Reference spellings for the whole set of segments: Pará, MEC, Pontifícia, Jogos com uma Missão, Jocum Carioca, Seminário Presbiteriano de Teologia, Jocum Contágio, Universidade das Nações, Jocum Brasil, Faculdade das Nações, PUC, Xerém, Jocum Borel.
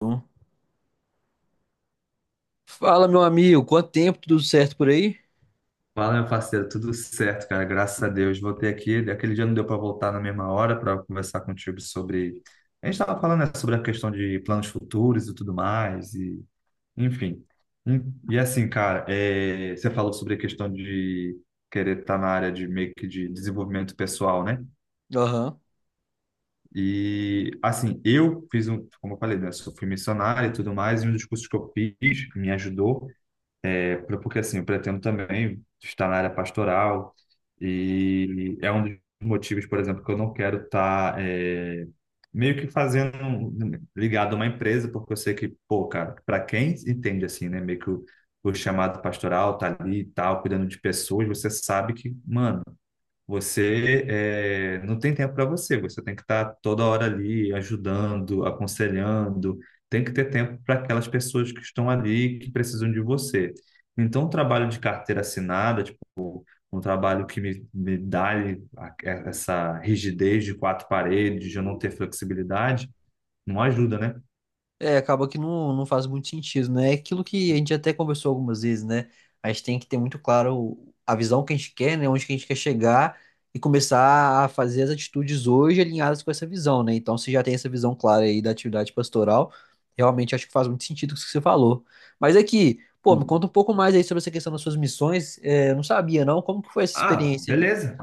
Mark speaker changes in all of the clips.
Speaker 1: Bom. Fala, meu amigo, quanto tempo, tudo certo por aí?
Speaker 2: Fala, meu parceiro, tudo certo, cara, graças a Deus. Voltei aqui. Aquele dia não deu para voltar na mesma hora para conversar contigo sobre. A gente estava falando, né, sobre a questão de planos futuros e tudo mais, e enfim. E assim, cara, você falou sobre a questão de querer estar na área de meio que de desenvolvimento pessoal, né?
Speaker 1: Aham.
Speaker 2: E assim, eu fiz um, como eu falei, né, fui missionário e tudo mais, e um dos cursos que eu fiz que me ajudou. Porque assim, eu pretendo também estar na área pastoral e é um dos motivos, por exemplo, que eu não quero estar meio que fazendo ligado a uma empresa, porque eu sei que, pô, cara, para quem entende assim, né, meio que o chamado pastoral tá ali e tal, cuidando de pessoas, você sabe que, mano, você não tem tempo para você, você tem que estar toda hora ali ajudando, aconselhando, tem que ter tempo para aquelas pessoas que estão ali, que precisam de você. Então, o trabalho de carteira assinada, tipo, um trabalho que me dá ali essa rigidez de quatro paredes, de eu não ter flexibilidade, não ajuda, né?
Speaker 1: É, acaba que não faz muito sentido, né? É aquilo que a gente até conversou algumas vezes, né? A gente tem que ter muito claro a visão que a gente quer, né? Onde que a gente quer chegar e começar a fazer as atitudes hoje alinhadas com essa visão, né? Então, se já tem essa visão clara aí da atividade pastoral, realmente acho que faz muito sentido isso que você falou. Mas aqui, pô, me conta um pouco mais aí sobre essa questão das suas missões. É, eu não sabia, não. Como que foi essa
Speaker 2: Ah,
Speaker 1: experiência aí?
Speaker 2: beleza.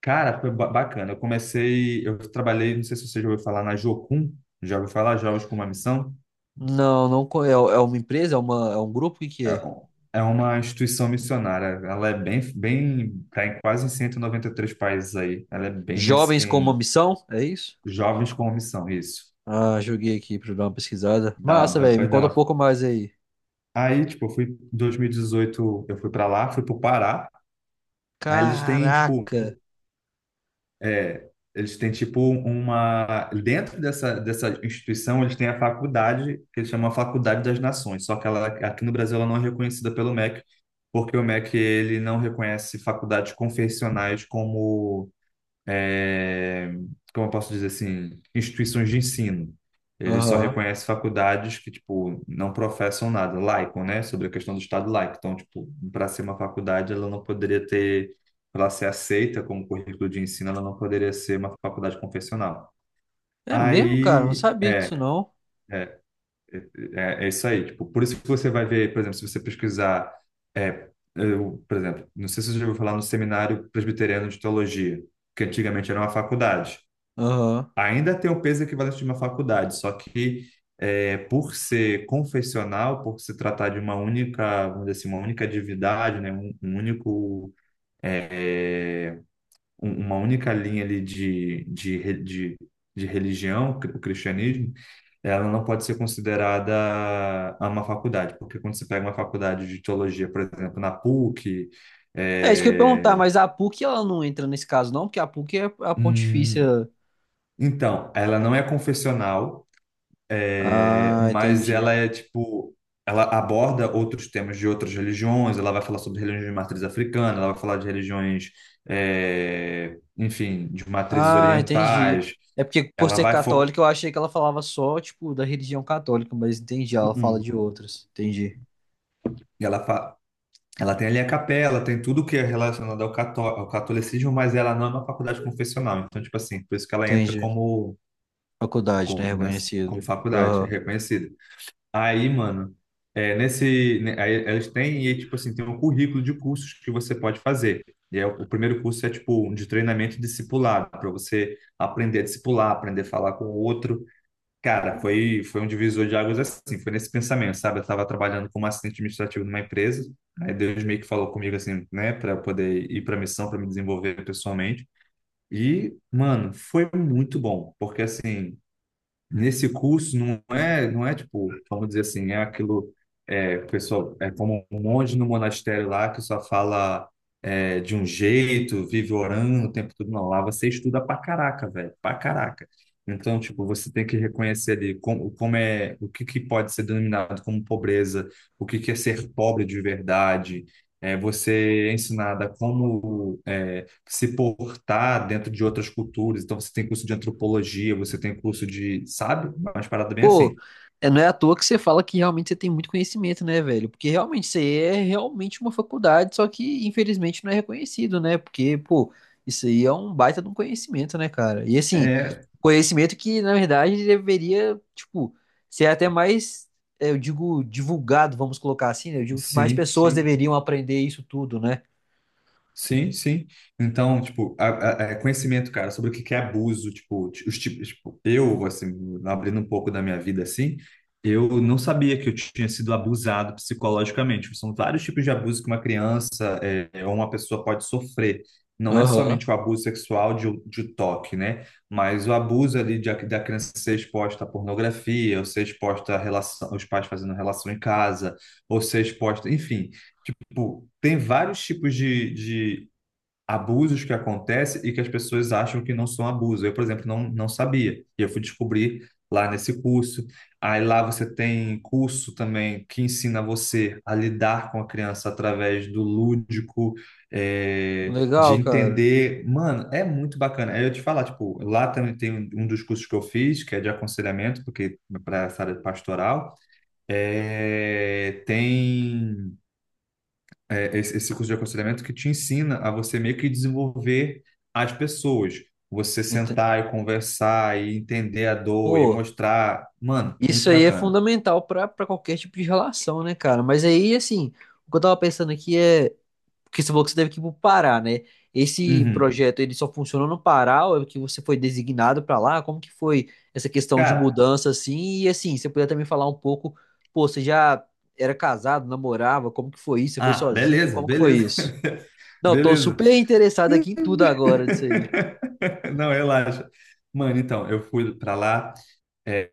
Speaker 2: Cara, foi bacana. Eu comecei, eu trabalhei, não sei se você já ouviu falar na Jocum, já ouviu falar Jogos com uma Missão?
Speaker 1: Não, não. É, é uma empresa? É um grupo? O que
Speaker 2: É
Speaker 1: é?
Speaker 2: um- É uma instituição missionária. Ela é bem, bem, tá em quase em 193 países aí. Ela é bem
Speaker 1: Jovens com uma
Speaker 2: assim,
Speaker 1: missão? É isso?
Speaker 2: jovens com missão, isso.
Speaker 1: Ah, joguei aqui pra dar uma pesquisada. Massa, velho. Me conta um
Speaker 2: Perdão.
Speaker 1: pouco mais aí.
Speaker 2: Aí, tipo, eu fui em 2018, eu fui para lá, fui pro Pará. Aí eles têm, tipo,
Speaker 1: Caraca.
Speaker 2: eles têm tipo uma dentro dessa instituição, eles têm a faculdade que eles chamam a Faculdade das Nações, só que ela aqui no Brasil ela não é reconhecida pelo MEC, porque o MEC ele não reconhece faculdades confessionais como é, como eu posso dizer assim, instituições de ensino. Eles só
Speaker 1: Aham.
Speaker 2: reconhecem faculdades que, tipo, não professam nada, laicam, né? Sobre a questão do Estado laico. Então, tipo, para ser uma faculdade, ela não poderia ter, para ela ser aceita como currículo de ensino, ela não poderia ser uma faculdade confessional.
Speaker 1: É mesmo, cara? Não
Speaker 2: Aí,
Speaker 1: sabia disso,
Speaker 2: é,
Speaker 1: não.
Speaker 2: É isso aí. Tipo, por isso que você vai ver, por exemplo, se você pesquisar, eu, por exemplo, não sei se você já ouviu falar no Seminário Presbiteriano de Teologia, que antigamente era uma faculdade.
Speaker 1: Aham.
Speaker 2: Ainda tem o peso equivalente de uma faculdade, só que por ser confessional, por se tratar de uma única, vamos dizer assim, uma única divindade, né, um único, é, uma única linha ali de religião, o cristianismo, ela não pode ser considerada uma faculdade, porque quando você pega uma faculdade de teologia, por exemplo, na PUC,
Speaker 1: É isso que eu ia perguntar,
Speaker 2: é,
Speaker 1: mas a PUC ela não entra nesse caso, não? Porque a PUC é a
Speaker 2: hum,
Speaker 1: Pontifícia.
Speaker 2: então, ela não é confessional.
Speaker 1: Ah,
Speaker 2: Mas ela
Speaker 1: entendi.
Speaker 2: é tipo, ela aborda outros temas de outras religiões, ela vai falar sobre religiões de matriz africana, ela vai falar de religiões, enfim, de matrizes
Speaker 1: Ah, entendi.
Speaker 2: orientais.
Speaker 1: É porque por
Speaker 2: ela
Speaker 1: ser
Speaker 2: vai fo...
Speaker 1: católica eu achei que ela falava só, tipo, da religião católica, mas entendi, ela fala
Speaker 2: Uhum.
Speaker 1: de outras. Entendi.
Speaker 2: E Ela, fa... Ela tem ali a capela, tem tudo que é relacionado ao, ao catolicismo, mas ela não é uma faculdade confessional, então, tipo assim, por isso que ela entra
Speaker 1: Entendi.
Speaker 2: como,
Speaker 1: Faculdade, né?
Speaker 2: como, né, como
Speaker 1: Reconhecido.
Speaker 2: faculdade, é
Speaker 1: Aham.
Speaker 2: reconhecida. Aí, mano, nesse, né, aí elas têm, e aí, tipo assim, tem um currículo de cursos que você pode fazer. E aí, o primeiro curso é, tipo, um de treinamento discipulado, para você aprender a discipular, aprender a falar com o outro. Cara, foi um divisor de águas assim, foi nesse pensamento, sabe? Eu estava trabalhando como assistente administrativo numa empresa, aí Deus meio que falou comigo, assim, né, para poder ir para missão, para me desenvolver pessoalmente. E, mano, foi muito bom, porque, assim, nesse curso não é tipo, vamos dizer assim, é aquilo, o pessoal, é como um monge no monastério lá que só fala de um jeito, vive orando o tempo todo. Não, lá você estuda pra caraca, velho, pra caraca. Então, tipo, você tem que reconhecer ali como, como é, o que que pode ser denominado como pobreza, o que que é ser pobre de verdade, você é ensinada como é, se portar dentro de outras culturas. Então, você tem curso de antropologia, você tem curso de, sabe? Umas paradas bem
Speaker 1: Pô,
Speaker 2: assim.
Speaker 1: é, não é à toa que você fala que realmente você tem muito conhecimento, né, velho? Porque realmente você é realmente uma faculdade, só que infelizmente não é reconhecido, né? Porque, pô, isso aí é um baita de um conhecimento, né, cara? E assim,
Speaker 2: É,
Speaker 1: conhecimento que, na verdade, deveria, tipo, ser até mais, é, eu digo, divulgado, vamos colocar assim, né? Eu digo que mais
Speaker 2: sim,
Speaker 1: pessoas
Speaker 2: sim.
Speaker 1: deveriam aprender isso tudo, né?
Speaker 2: Sim, sim. Então, tipo, conhecimento, cara, sobre o que que é abuso, tipo, os tipos, tipo, eu, assim, abrindo um pouco da minha vida, assim, eu não sabia que eu tinha sido abusado psicologicamente. São vários tipos de abuso que uma criança é, ou uma pessoa pode sofrer. Não é
Speaker 1: Aham.
Speaker 2: somente o abuso sexual de um toque, né? Mas o abuso ali de, da criança ser exposta à pornografia, ou ser exposta a relação, os pais fazendo relação em casa, ou ser exposta, enfim, tipo, tem vários tipos de abusos que acontecem e que as pessoas acham que não são abuso. Eu, por exemplo, não sabia. E eu fui descobrir lá nesse curso. Aí lá você tem curso também que ensina você a lidar com a criança através do lúdico, de
Speaker 1: Legal, cara.
Speaker 2: entender. Mano, é muito bacana. Aí eu te falar, tipo, lá também tem um dos cursos que eu fiz, que é de aconselhamento, porque para essa área pastoral, tem esse curso de aconselhamento que te ensina a você meio que desenvolver as pessoas. Você
Speaker 1: Ente-
Speaker 2: sentar e conversar e entender a dor e
Speaker 1: Pô.
Speaker 2: mostrar. Mano,
Speaker 1: Isso
Speaker 2: muito
Speaker 1: aí é
Speaker 2: bacana.
Speaker 1: fundamental para qualquer tipo de relação, né, cara? Mas aí, assim, o que eu tava pensando aqui é, porque você falou que você deve ir pro Pará, né? Esse
Speaker 2: Uhum.
Speaker 1: projeto, ele só funcionou no Pará ou é que você foi designado para lá? Como que foi essa questão de
Speaker 2: Cara,
Speaker 1: mudança, assim? E, assim, você podia também falar um pouco, pô, você já era casado, namorava, como que foi isso? Você foi
Speaker 2: ah,
Speaker 1: sozinho?
Speaker 2: beleza,
Speaker 1: Como que foi
Speaker 2: beleza,
Speaker 1: isso? Não, tô
Speaker 2: beleza.
Speaker 1: super interessado aqui em tudo agora disso aí.
Speaker 2: Não, relaxa. Mano, então, eu fui pra lá. É,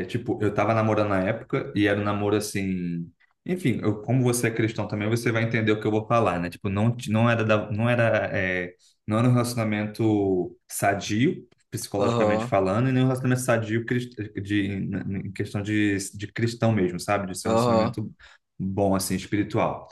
Speaker 2: tipo, eu tava namorando na época e era um namoro assim. Enfim, como você é cristão também, você vai entender o que eu vou falar, né? Tipo, não, não era, não era, não era um relacionamento sadio, psicologicamente
Speaker 1: Aham,
Speaker 2: falando, e nem um relacionamento sadio de, em questão de cristão mesmo, sabe? De ser um
Speaker 1: aham.
Speaker 2: relacionamento bom, assim, espiritual.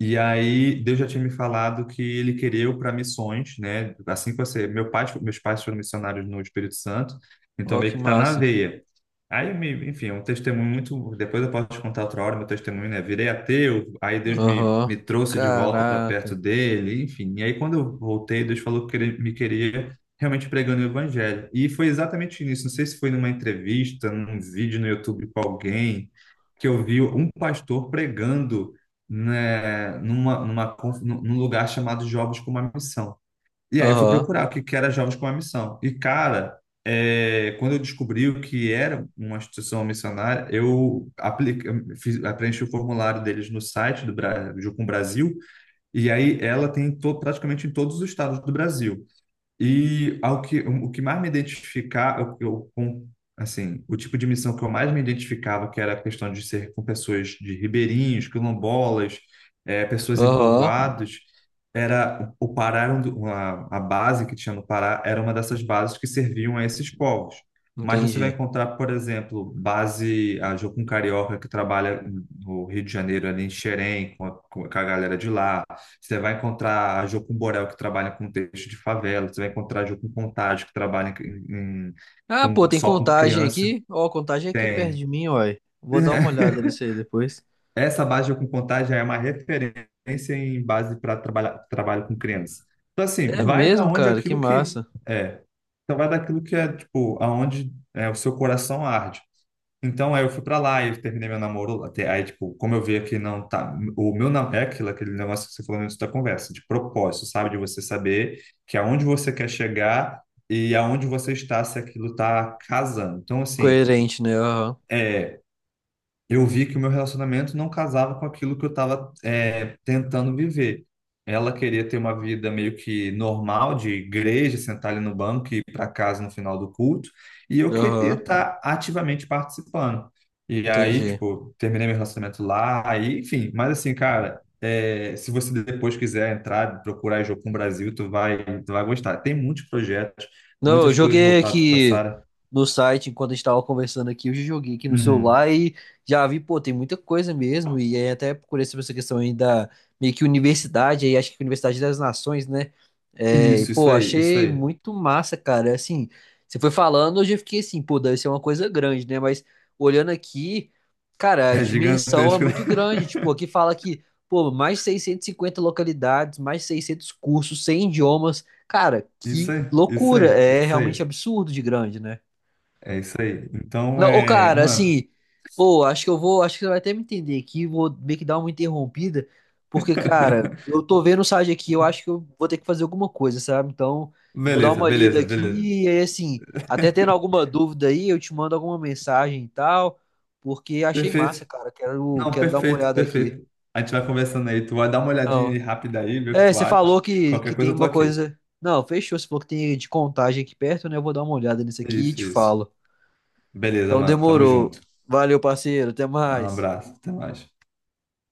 Speaker 2: E aí, Deus já tinha me falado que ele queria eu para missões, né? Assim que você. Meus pais foram missionários no Espírito Santo, então
Speaker 1: Ó, que
Speaker 2: meio que tá na
Speaker 1: massa.
Speaker 2: veia. Enfim, é um testemunho muito. Depois eu posso te contar outra hora meu testemunho, né? Virei ateu, aí Deus
Speaker 1: Aham.
Speaker 2: me trouxe de volta para perto
Speaker 1: Caraca.
Speaker 2: dele, enfim. E aí, quando eu voltei, Deus falou que ele me queria realmente pregando o evangelho. E foi exatamente nisso. Não sei se foi numa entrevista, num vídeo no YouTube com alguém, que eu vi um pastor pregando, né, numa, numa, conf- num num lugar chamado Jovens com uma Missão. E aí eu fui
Speaker 1: Aham.
Speaker 2: procurar o que que era Jovens com uma Missão. E, cara, quando eu descobri o que era uma instituição missionária, eu apliquei, fiz, preenchi o formulário deles no site do Jucum Brasil, e aí ela tem em praticamente em todos os estados do Brasil. E ao que, o que mais me identificar, com, assim, o tipo de missão que eu mais me identificava, que era a questão de ser com pessoas de ribeirinhos, quilombolas, pessoas em
Speaker 1: Aham,
Speaker 2: povoados, era o Pará, era um do- uma- a, base que tinha no Pará era uma dessas bases que serviam a esses povos. Mas você vai
Speaker 1: entendi.
Speaker 2: encontrar, por exemplo, base, a Jocum Carioca, que trabalha no Rio de Janeiro, ali em Xerém, com com a galera de lá, você vai encontrar a Jo com Borel, que trabalha com texto de favela. Você vai encontrar a Jo com Contágio, que trabalha
Speaker 1: Ah, pô,
Speaker 2: com,
Speaker 1: tem
Speaker 2: só com
Speaker 1: contagem
Speaker 2: criança.
Speaker 1: aqui. Ó, a contagem é aqui perto
Speaker 2: Tem.
Speaker 1: de mim, uai. Vou dar uma olhada nisso aí depois.
Speaker 2: Essa base de Jo com Contágio é uma referência em base para trabalhar trabalho com criança. Então, assim,
Speaker 1: É
Speaker 2: vai da
Speaker 1: mesmo,
Speaker 2: onde
Speaker 1: cara, que
Speaker 2: aquilo que
Speaker 1: massa.
Speaker 2: é. Então, vai daquilo que é, tipo, aonde é, o seu coração arde. Então, aí eu fui pra lá, e eu terminei meu namoro lá. Aí, tipo, como eu via que não tá. O meu namoro é aquilo, aquele negócio que você falou no início da conversa, de propósito, sabe? De você saber que aonde você quer chegar e aonde você está, se aquilo tá casando. Então, assim.
Speaker 1: Coerente, né? Aham,
Speaker 2: é eu vi que o meu relacionamento não casava com aquilo que eu estava tentando viver. Ela queria ter uma vida meio que normal, de igreja, sentar ali no banco e ir para casa no final do culto, e eu queria
Speaker 1: aham,
Speaker 2: estar ativamente participando. E aí,
Speaker 1: entendi.
Speaker 2: tipo, terminei meu relacionamento lá, aí, enfim, mas assim, cara, se você depois quiser entrar, procurar Jocum Brasil, tu vai gostar. Tem muitos projetos,
Speaker 1: Não, eu
Speaker 2: muitas coisas
Speaker 1: joguei
Speaker 2: voltadas para
Speaker 1: aqui
Speaker 2: Sara.
Speaker 1: no site enquanto a gente tava conversando aqui, eu já joguei aqui no
Speaker 2: Uhum.
Speaker 1: celular e já vi, pô, tem muita coisa mesmo. E aí até procurei sobre essa questão aí da meio que universidade, aí acho que Universidade das Nações, né? É, e,
Speaker 2: Isso
Speaker 1: pô,
Speaker 2: aí, isso
Speaker 1: achei
Speaker 2: aí.
Speaker 1: muito massa, cara. Assim, você foi falando, eu já fiquei assim, pô, deve ser uma coisa grande, né? Mas olhando aqui, cara, a
Speaker 2: É
Speaker 1: dimensão é
Speaker 2: gigantesco, né?
Speaker 1: muito grande. Tipo, aqui fala que, pô, mais de 650 localidades, mais de 600 cursos, 100 idiomas. Cara,
Speaker 2: Isso
Speaker 1: que
Speaker 2: aí, isso
Speaker 1: loucura.
Speaker 2: aí,
Speaker 1: É
Speaker 2: isso
Speaker 1: realmente
Speaker 2: aí.
Speaker 1: absurdo de grande, né?
Speaker 2: É isso aí. Então,
Speaker 1: Não, ô, cara,
Speaker 2: mano,
Speaker 1: assim, ô, acho que eu vou, acho que você vai até me entender aqui, vou meio que dar uma interrompida, porque, cara, eu tô vendo o site aqui, eu acho que eu vou ter que fazer alguma coisa, sabe? Então, eu vou dar
Speaker 2: beleza,
Speaker 1: uma lida
Speaker 2: beleza, beleza.
Speaker 1: aqui, e aí, assim, até tendo alguma dúvida aí, eu te mando alguma mensagem e tal, porque achei massa,
Speaker 2: Perfeito.
Speaker 1: cara, quero,
Speaker 2: Não,
Speaker 1: quero dar uma
Speaker 2: perfeito,
Speaker 1: olhada aqui.
Speaker 2: perfeito. A gente vai conversando aí. Tu vai dar uma olhadinha
Speaker 1: Não.
Speaker 2: aí rápida aí, ver o que
Speaker 1: É,
Speaker 2: tu
Speaker 1: você
Speaker 2: acha.
Speaker 1: falou que
Speaker 2: Qualquer
Speaker 1: tem
Speaker 2: coisa eu tô
Speaker 1: uma
Speaker 2: aqui.
Speaker 1: coisa. Não, fechou. Você falou que tem de contagem aqui perto, né? Eu vou dar uma olhada nisso aqui e
Speaker 2: Isso,
Speaker 1: te
Speaker 2: isso.
Speaker 1: falo.
Speaker 2: Beleza,
Speaker 1: Então
Speaker 2: mano. Tamo
Speaker 1: demorou.
Speaker 2: junto.
Speaker 1: Valeu, parceiro. Até
Speaker 2: Um
Speaker 1: mais.
Speaker 2: abraço. Até mais.